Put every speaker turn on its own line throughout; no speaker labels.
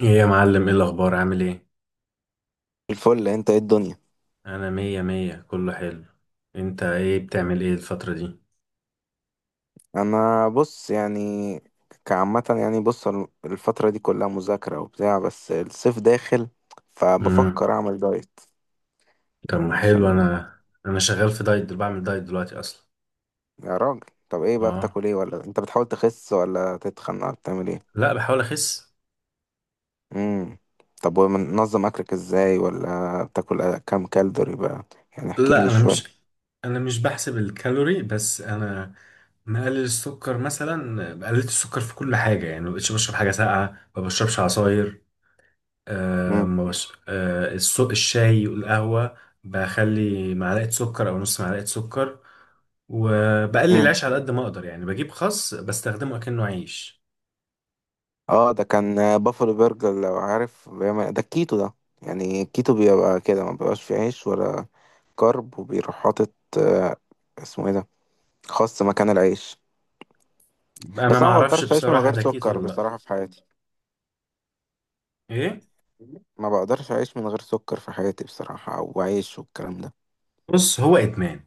ايه يا معلم، ايه الاخبار؟ عامل ايه؟
الفل. انت ايه الدنيا؟
انا مية مية، كله حلو. انت ايه بتعمل ايه الفترة دي؟
انا بص يعني كعامة يعني الفترة دي كلها مذاكرة وبتاع، بس الصيف داخل
امم.
فبفكر اعمل دايت
طب
يعني
ما حلو،
عشان.
انا شغال في دايت بعمل دايت دلوقتي اصلا.
يا راجل، طب ايه بقى
اه،
بتاكل ايه؟ ولا انت بتحاول تخس ولا تتخن ولا بتعمل ايه؟
لا بحاول اخس.
امم طب ومنظم اكلك ازاي؟ ولا بتاكل كام كالوري بقى؟ يعني احكي لي
لا، انا
شوية.
مش انا مش بحسب الكالوري، بس انا مقلل السكر، مثلا قللت السكر في كل حاجة يعني ما بقتش بشرب حاجة ساقعة، ما بشربش عصاير.
امم
ما بش... الشاي والقهوة. بخلي معلقة سكر او نص معلقة سكر. وبقلل
امم
العيش على قد ما اقدر، يعني بجيب خس بستخدمه اكنه عيش.
اه، ده كان بافلو برجر، لو عارف ده الكيتو ده. يعني الكيتو بيبقى كده، ما بيبقاش فيه عيش ولا كرب، وبيروح حاطط آه، اسمه ايه ده، خس مكان العيش.
انا
بس
ما
انا ما
اعرفش
بقدرش اعيش من
بصراحه
غير
ده كيتو
سكر
ولا لا.
بصراحة في حياتي.
ايه؟
ما بقدرش اعيش من غير سكر في حياتي بصراحة، او عيش والكلام ده.
بص، هو ادمان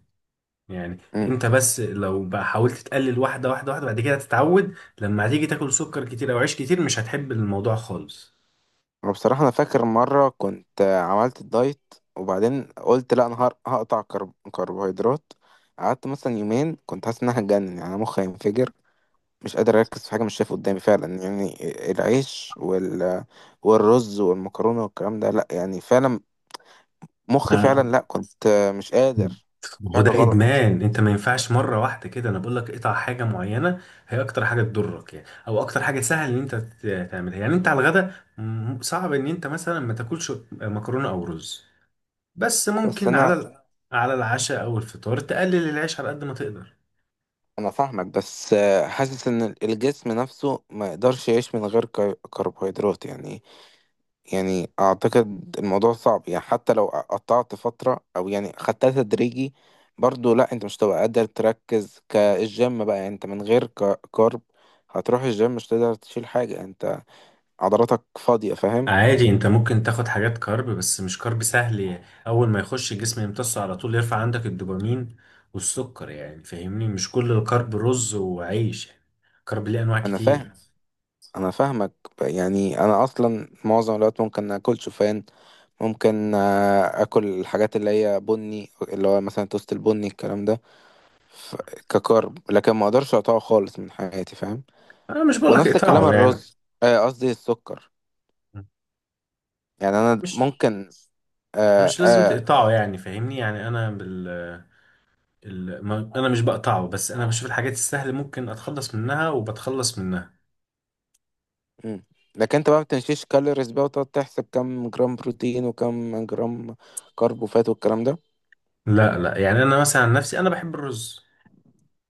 يعني.
امم
انت بس لو بقى حاولت تقلل واحده واحده واحده، بعد كده تتعود. لما هتيجي تاكل سكر كتير او عيش كتير مش هتحب الموضوع خالص.
وبصراحة انا فاكر مرة كنت عملت الدايت، وبعدين قلت لا انا هقطع كربوهيدرات. قعدت مثلا يومين كنت حاسس ان انا هتجنن، يعني أنا مخي هينفجر، مش قادر اركز في حاجة، مش شايف قدامي فعلا، يعني العيش والرز والمكرونة والكلام ده، لا يعني فعلا مخي
آه.
فعلا، لا كنت مش قادر، كان في
هو
حاجة
ده
غلط.
ادمان، انت ما ينفعش مره واحده كده، انا بقول لك اقطع حاجه معينه. هي اكتر حاجه تضرك يعني، او اكتر حاجه سهل ان انت تعملها، يعني انت على الغدا صعب ان انت مثلا ما تاكلش مكرونه او رز. بس
بس
ممكن على
انا
على العشاء او الفطار تقلل العيش على قد ما تقدر.
انا فاهمك، بس حاسس ان الجسم نفسه ما يقدرش يعيش من غير كربوهيدرات يعني. يعني اعتقد الموضوع صعب، يعني حتى لو قطعت فترة او يعني خدتها تدريجي، برضو لا انت مش هتبقى قادر تركز كالجيم بقى. يعني انت من غير كارب هتروح الجيم مش تقدر تشيل حاجة، يعني انت عضلاتك فاضية، فاهم؟
عادي، انت ممكن تاخد حاجات كارب بس مش كارب سهل يعني. اول ما يخش الجسم يمتصه على طول يرفع عندك الدوبامين والسكر، يعني فاهمني مش كل الكارب رز وعيش يعني. كارب ليه انواع
انا فاهم،
كتير.
انا فاهمك. يعني انا اصلا معظم الوقت ممكن اكل شوفان، ممكن اكل الحاجات اللي هي بني، اللي هو مثلا توست البني الكلام ده، ف- ككارب، لكن ما اقدرش اقطعه خالص من حياتي، فاهم؟
انا مش بقولك
ونفس الكلام
اقطعه يعني،
الرز. قصدي السكر، يعني انا
مش
ممكن. آه
مش لازم
آه
تقطعه يعني فاهمني، يعني انا بال ال... ما... انا مش بقطعه بس انا بشوف الحاجات السهله ممكن اتخلص منها وبتخلص منها.
مم. لكن انت بقى ما بتمشيش كالوريز بقى، وتقعد تحسب كم جرام بروتين وكم جرام كرب وفات والكلام
لا، لا، يعني انا مثلا عن نفسي انا بحب الرز.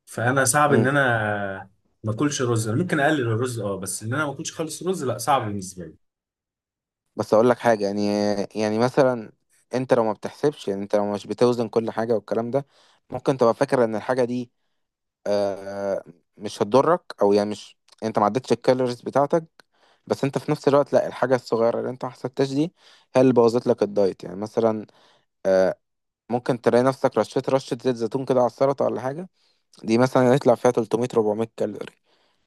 فانا صعب ان
ده؟
انا ما اكلش رز، انا ممكن اقلل الرز اه، بس ان انا ما اكلش خالص رز لا صعب بالنسبه لي.
بس اقول لك حاجه يعني. يعني مثلا، انت لو ما بتحسبش، يعني انت لو مش بتوزن كل حاجه والكلام ده، ممكن تبقى فاكر ان الحاجه دي آه مش هتضرك، او يعني مش انت ما عدتش الكالوريز بتاعتك، بس انت في نفس الوقت لا، الحاجه الصغيره اللي انت ما حسبتهاش دي هي اللي بوظت لك الدايت. يعني مثلا آه ممكن تلاقي نفسك رشيت رشه زيت زيتون كده على السلطه ولا حاجه، دي مثلا يطلع فيها 300 400 كالوري،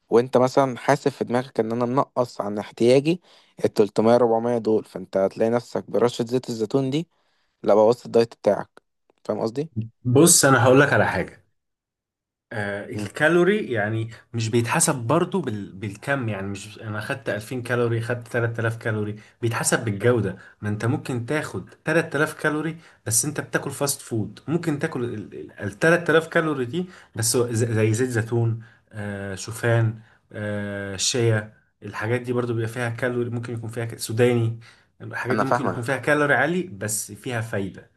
وانت مثلا حاسب في دماغك ان انا منقص عن احتياجي ال 300 400 دول، فانت هتلاقي نفسك برشة زيت الزيتون دي لا بوظت الدايت بتاعك. فاهم قصدي؟
بص، انا هقول لك على حاجه.
مم.
الكالوري يعني مش بيتحسب برضو بالكم، يعني مش انا خدت 2000 كالوري خدت 3000 كالوري. بيتحسب بالجودة. ما انت ممكن تاخد 3000 كالوري بس انت بتاكل فاست فود، ممكن تاكل 3000 كالوري دي. بس زي زيت زيتون، شوفان، شيا. الحاجات دي برضو بيبقى فيها كالوري، ممكن يكون فيها سوداني. الحاجات
انا
دي ممكن يكون فيها
فاهمك،
كالوري عالي بس فيها فايدة.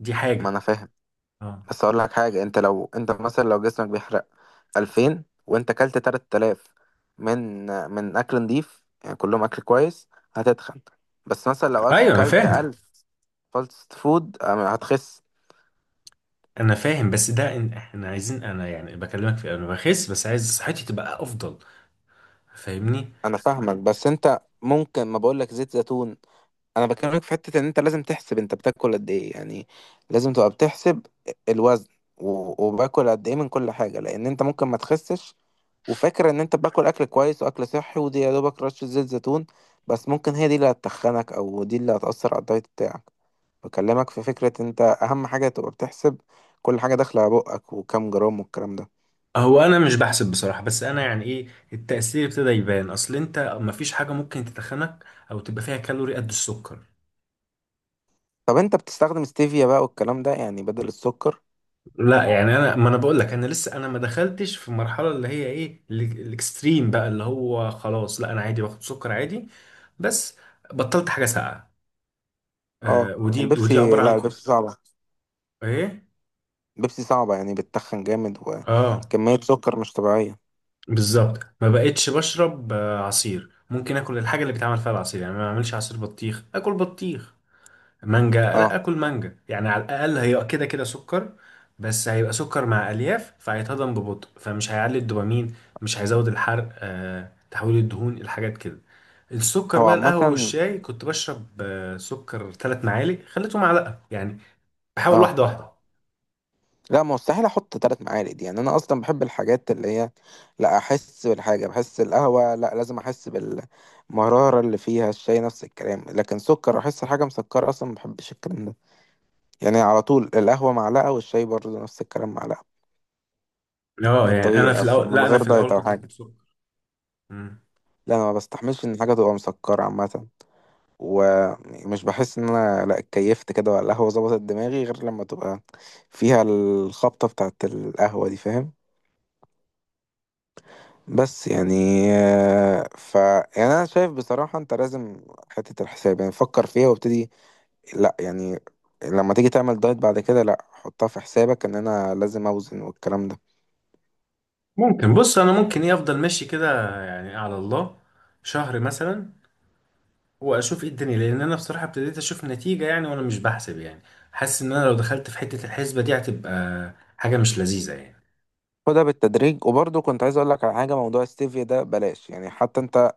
دي
ما
حاجة.
انا فاهم.
اه.
بس اقول لك حاجة، انت لو انت مثلا لو جسمك بيحرق 2000 وانت اكلت 3000 من من اكل نضيف يعني كلهم اكل كويس، هتتخن. بس مثلا لو
ايوه، انا
اكلت
فاهم.
1000 فاست فود، هتخس.
انا فاهم، بس ده إن احنا عايزين، انا يعني بكلمك في انا بخس بس عايز صحتي تبقى افضل. فاهمني.
انا فاهمك، بس انت ممكن ما بقولك زيت زيتون، انا بكلمك في حتة ان انت لازم تحسب انت بتاكل قد ايه يعني. لازم تبقى بتحسب الوزن، وباكل قد ايه من كل حاجة، لان انت ممكن ما تخسش، وفاكر ان انت باكل اكل كويس واكل صحي، ودي يا دوبك رشة زيت زيتون، بس ممكن هي دي اللي هتتخنك، او دي اللي هتأثر على الدايت بتاعك. بكلمك في فكرة، انت اهم حاجة تبقى بتحسب كل حاجة داخلة على بقك وكام جرام والكلام ده.
هو انا مش بحسب بصراحة، بس انا يعني ايه، التأثير ابتدى يبان، اصل انت مفيش حاجة ممكن تتخنك او تبقى فيها كالوري قد السكر.
طب انت بتستخدم ستيفيا بقى والكلام ده يعني بدل السكر؟
لا يعني انا، ما انا بقول لك، انا لسه انا ما دخلتش في المرحلة اللي هي ايه الاكستريم بقى، اللي هو خلاص لا، انا عادي باخد سكر عادي. بس بطلت حاجة ساقعة.
اه
ودي
البيبسي،
عبارة
لا
عن.
البيبسي صعبة.
ايه؟
بيبسي صعبة يعني بتتخن جامد،
اه،
وكمية سكر مش طبيعية.
بالظبط ما بقتش بشرب عصير، ممكن اكل الحاجه اللي بيتعمل فيها العصير، يعني ما اعملش عصير بطيخ، اكل بطيخ. مانجا، لا
اه،
اكل مانجا، يعني على الاقل هي كده كده سكر. بس هيبقى سكر مع الياف فهيتهضم ببطء فمش هيعلي الدوبامين، مش هيزود الحرق تحويل الدهون الحاجات كده. السكر
هو
بقى، القهوه
عامة.
والشاي كنت بشرب سكر 3 معالق خليته معلقه يعني. بحاول
اه
واحده واحده.
لا، ما مستحيل احط تلات معالق، يعني انا اصلا بحب الحاجات اللي هي لا، احس بالحاجة. بحس القهوة لا لازم احس بالمرارة اللي فيها، الشاي نفس الكلام، لكن سكر احس الحاجة مسكرة اصلا ما بحبش الكلام ده. يعني على طول القهوة معلقة، والشاي برضه نفس الكلام معلقة. ده
اه، يعني انا
الطبيعي
في
اصلا
الاول،
من
لا انا
غير
في
دايت
الاول
او
كنت
حاجة.
بحط سكر. مم.
لا انا ما بستحملش ان حاجة تبقى مسكرة عامة، ومش بحس ان انا لا، اتكيفت كده، ولا القهوه ظبطت دماغي غير لما تبقى فيها الخبطه بتاعت القهوه دي، فاهم؟ بس يعني ف يعني انا شايف بصراحه انت لازم حته الحساب، يعني فكر فيها وابتدي. لا يعني لما تيجي تعمل دايت بعد كده، لا حطها في حسابك ان انا لازم اوزن والكلام ده.
ممكن، بص انا ممكن ايه افضل ماشي كده يعني على الله، شهر مثلا، واشوف ايه الدنيا، لان انا بصراحه ابتديت اشوف نتيجه يعني وانا مش بحسب يعني. حاسس ان انا لو دخلت في حته الحسبه دي هتبقى حاجه مش لذيذه يعني.
خدها بالتدريج. وبرضه كنت عايز اقول لك على حاجه، موضوع ستيفيا ده بلاش يعني، حتى انت.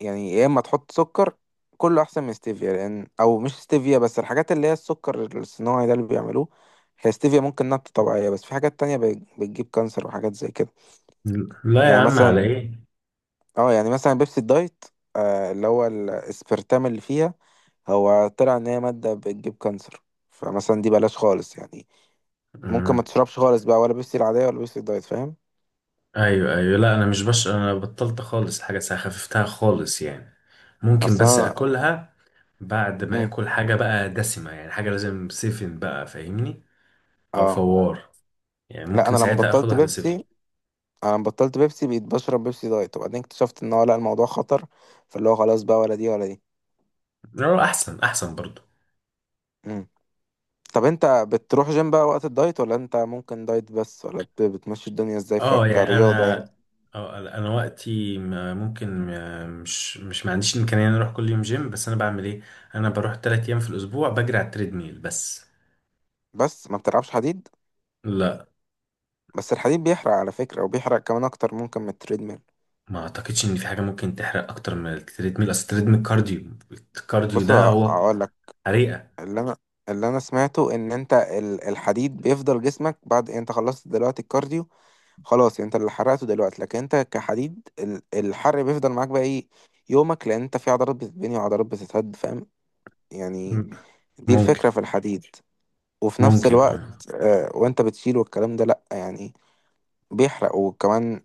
يعني يا اما تحط سكر، كله احسن من ستيفيا، لان او مش ستيفيا بس، الحاجات اللي هي السكر الصناعي ده اللي بيعملوه، هي ستيفيا ممكن نبتة طبيعية، بس في حاجات تانية بتجيب كانسر وحاجات زي كده.
لا يا
يعني
عم،
مثلا،
على ايه.
اه يعني مثلا بيبسي الدايت، اللي هو الاسبرتام اللي فيها، هو طلع ان هي مادة بتجيب كانسر، فمثلا دي بلاش خالص يعني. ممكن ما
مم.
تشربش خالص بقى، ولا بيبسي العادية ولا بيبسي الدايت، فاهم؟
ايوه، ايوه، لا انا مش انا بطلت خالص حاجه ساعه، خففتها خالص يعني. ممكن
اصل
بس
انا.
اكلها بعد ما
مم.
اكل حاجه بقى دسمه، يعني حاجه لازم سيفن بقى فاهمني. او
اه
فوار، يعني
لا، انا
ممكن
لما
ساعتها اخد
بطلت
واحده سيفن.
بيبسي، انا بطلت بيبسي بقيت بشرب بيبسي دايت، وبعدين اكتشفت ان هو لا الموضوع خطر، فاللي هو خلاص بقى ولا دي ولا دي.
لا، احسن احسن برضو.
مم. طب انت بتروح جيم بقى وقت الدايت؟ ولا انت ممكن دايت بس؟ ولا بتمشي الدنيا ازاي
اه يعني
كرياضة
انا
يعني؟
اه انا وقتي ما- ممكن ما- مش ما عنديش الامكانيه ان أنا اروح كل يوم جيم، بس انا بعمل ايه. انا بروح 3 ايام في الاسبوع بجري على التريدميل بس.
بس ما بتلعبش حديد.
لا.
بس الحديد بيحرق على فكرة، وبيحرق كمان اكتر ممكن من التريدميل.
ما اعتقدش ان في حاجه ممكن تحرق اكتر من التريدميل، اصل التريدميل كارديو. الكارديو
بص
ده هو
اقول لك.
حريقه.
اللي انا اللي انا سمعته ان انت الحديد بيفضل جسمك بعد انت خلصت دلوقتي الكارديو خلاص، يعني انت اللي حرقته دلوقتي، لكن انت كحديد الحرق بيفضل معاك بقى ايه يومك، لان انت في عضلات بتتبني وعضلات بتتهد، فاهم؟ يعني
م-
دي
ممكن.
الفكرة في الحديد. وفي نفس
ممكن،
الوقت
اه.
وانت بتشيل والكلام ده، لا يعني بيحرق وكمان.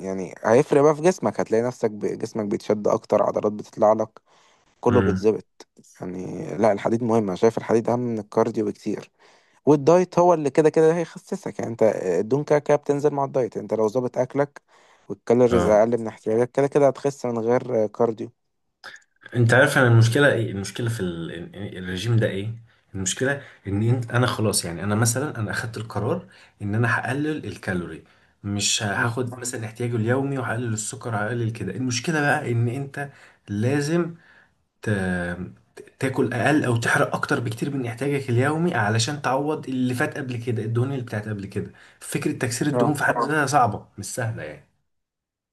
يعني هيفرق بقى في جسمك، هتلاقي نفسك جسمك بيتشد اكتر، عضلات بتطلع لك، كله
امم.
بيتظبط. يعني لا الحديد مهم. انا شايف الحديد اهم من الكارديو بكتير، والدايت هو اللي كده كده هيخسسك. يعني انت الدهون كده كده بتنزل مع الدايت، انت لو ظابط اكلك والكالوريز
اه،
اقل من احتياجك كده كده هتخس من غير كارديو.
انت عارف، انا المشكله ايه، المشكله في الرجيم ده ايه. المشكله ان انت انا خلاص يعني، انا مثلا، انا اخدت القرار ان انا هقلل الكالوري، مش
مم.
هاخد مثلا احتياجي اليومي، وهقلل السكر، هقلل كده، المشكله بقى ان انت لازم ت... تاكل اقل او تحرق اكتر بكتير من احتياجك اليومي، علشان تعوض اللي فات قبل كده، الدهون اللي بتاعت قبل كده. فكره تكسير
اه.
الدهون في حد ذاتها صعبه مش سهله يعني.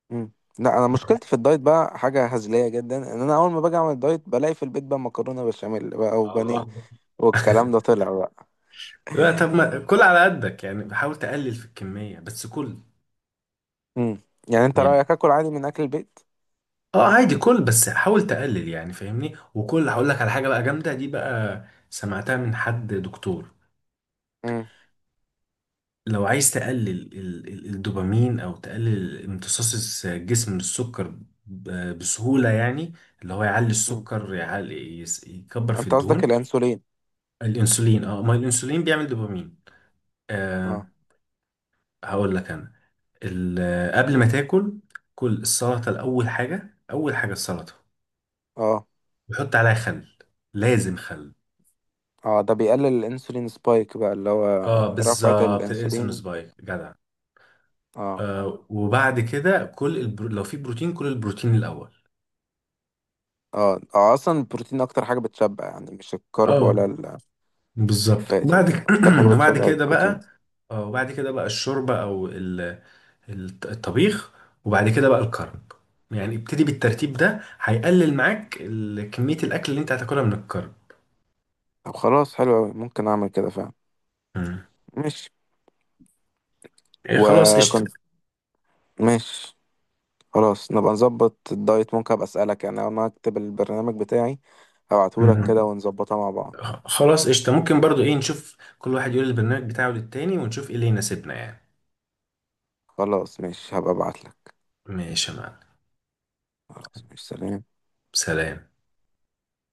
مم. لا انا مشكلتي في الدايت بقى حاجه هزليه جدا، ان انا اول ما باجي اعمل دايت بلاقي في البيت بقى مكرونه بشاميل بقى وبانيه
اه.
والكلام ده طلع بقى.
لا، طب ما كل على قدك يعني، حاول تقلل في الكميه بس كل.
مم. يعني انت
يعني.
رايك اكل عادي من اكل البيت؟
اه، عادي كل بس حاول تقلل يعني فاهمني، وكل، هقول لك على حاجه بقى جامده دي بقى، سمعتها من حد دكتور.
مم.
لو عايز تقلل الدوبامين او تقلل امتصاص الجسم من السكر بسهوله يعني، اللي هو يعلي
مم.
السكر، يعلي يكبر في
انت قصدك
الدهون.
الانسولين؟
الانسولين اه، ما الانسولين بيعمل دوبامين.
اه
آه. هقول لك انا قبل ما تاكل، كل السلطه الاول، حاجه اول حاجه السلطه،
اه.
وحط عليها خل. لازم خل.
اه، ده بيقلل الانسولين سبايك بقى اللي هو
اه
رفعة
بالظبط، الانسولين
الانسولين.
سبايك جدع.
اه
آه، وبعد كده كل لو في بروتين، كل البروتين الاول.
اه. اه اصلا البروتين اكتر حاجه بتشبع يعني، مش الكرب ولا
اه بالظبط،
الفات، يعني اكتر حاجه
وبعد
بتشبع
كده
البروتين.
بقى، اه، وبعد كده بقى الشوربه او الطبيخ، وبعد كده بقى الكرب. يعني ابتدي بالترتيب ده، هيقلل معاك كميه الاكل اللي انت هتاكلها من الكرب.
طب خلاص، حلو أوي، ممكن اعمل كده فعلا.
مم.
ماشي.
ايه خلاص قشطه.
وكنت. ماشي. خلاص نبقى نظبط الدايت، ممكن ابقى اسالك يعني، اول ما اكتب البرنامج بتاعي هبعتهولك كده
مم.
ونظبطها مع بعض.
خلاص قشطه، ممكن برضو ايه، نشوف كل واحد يقول البرنامج بتاعه للتاني، ونشوف ايه اللي يناسبنا يعني.
خلاص ماشي، هبقى ابعتلك.
ماشي يا معلم،
خلاص ماشي، سلام.
سلام.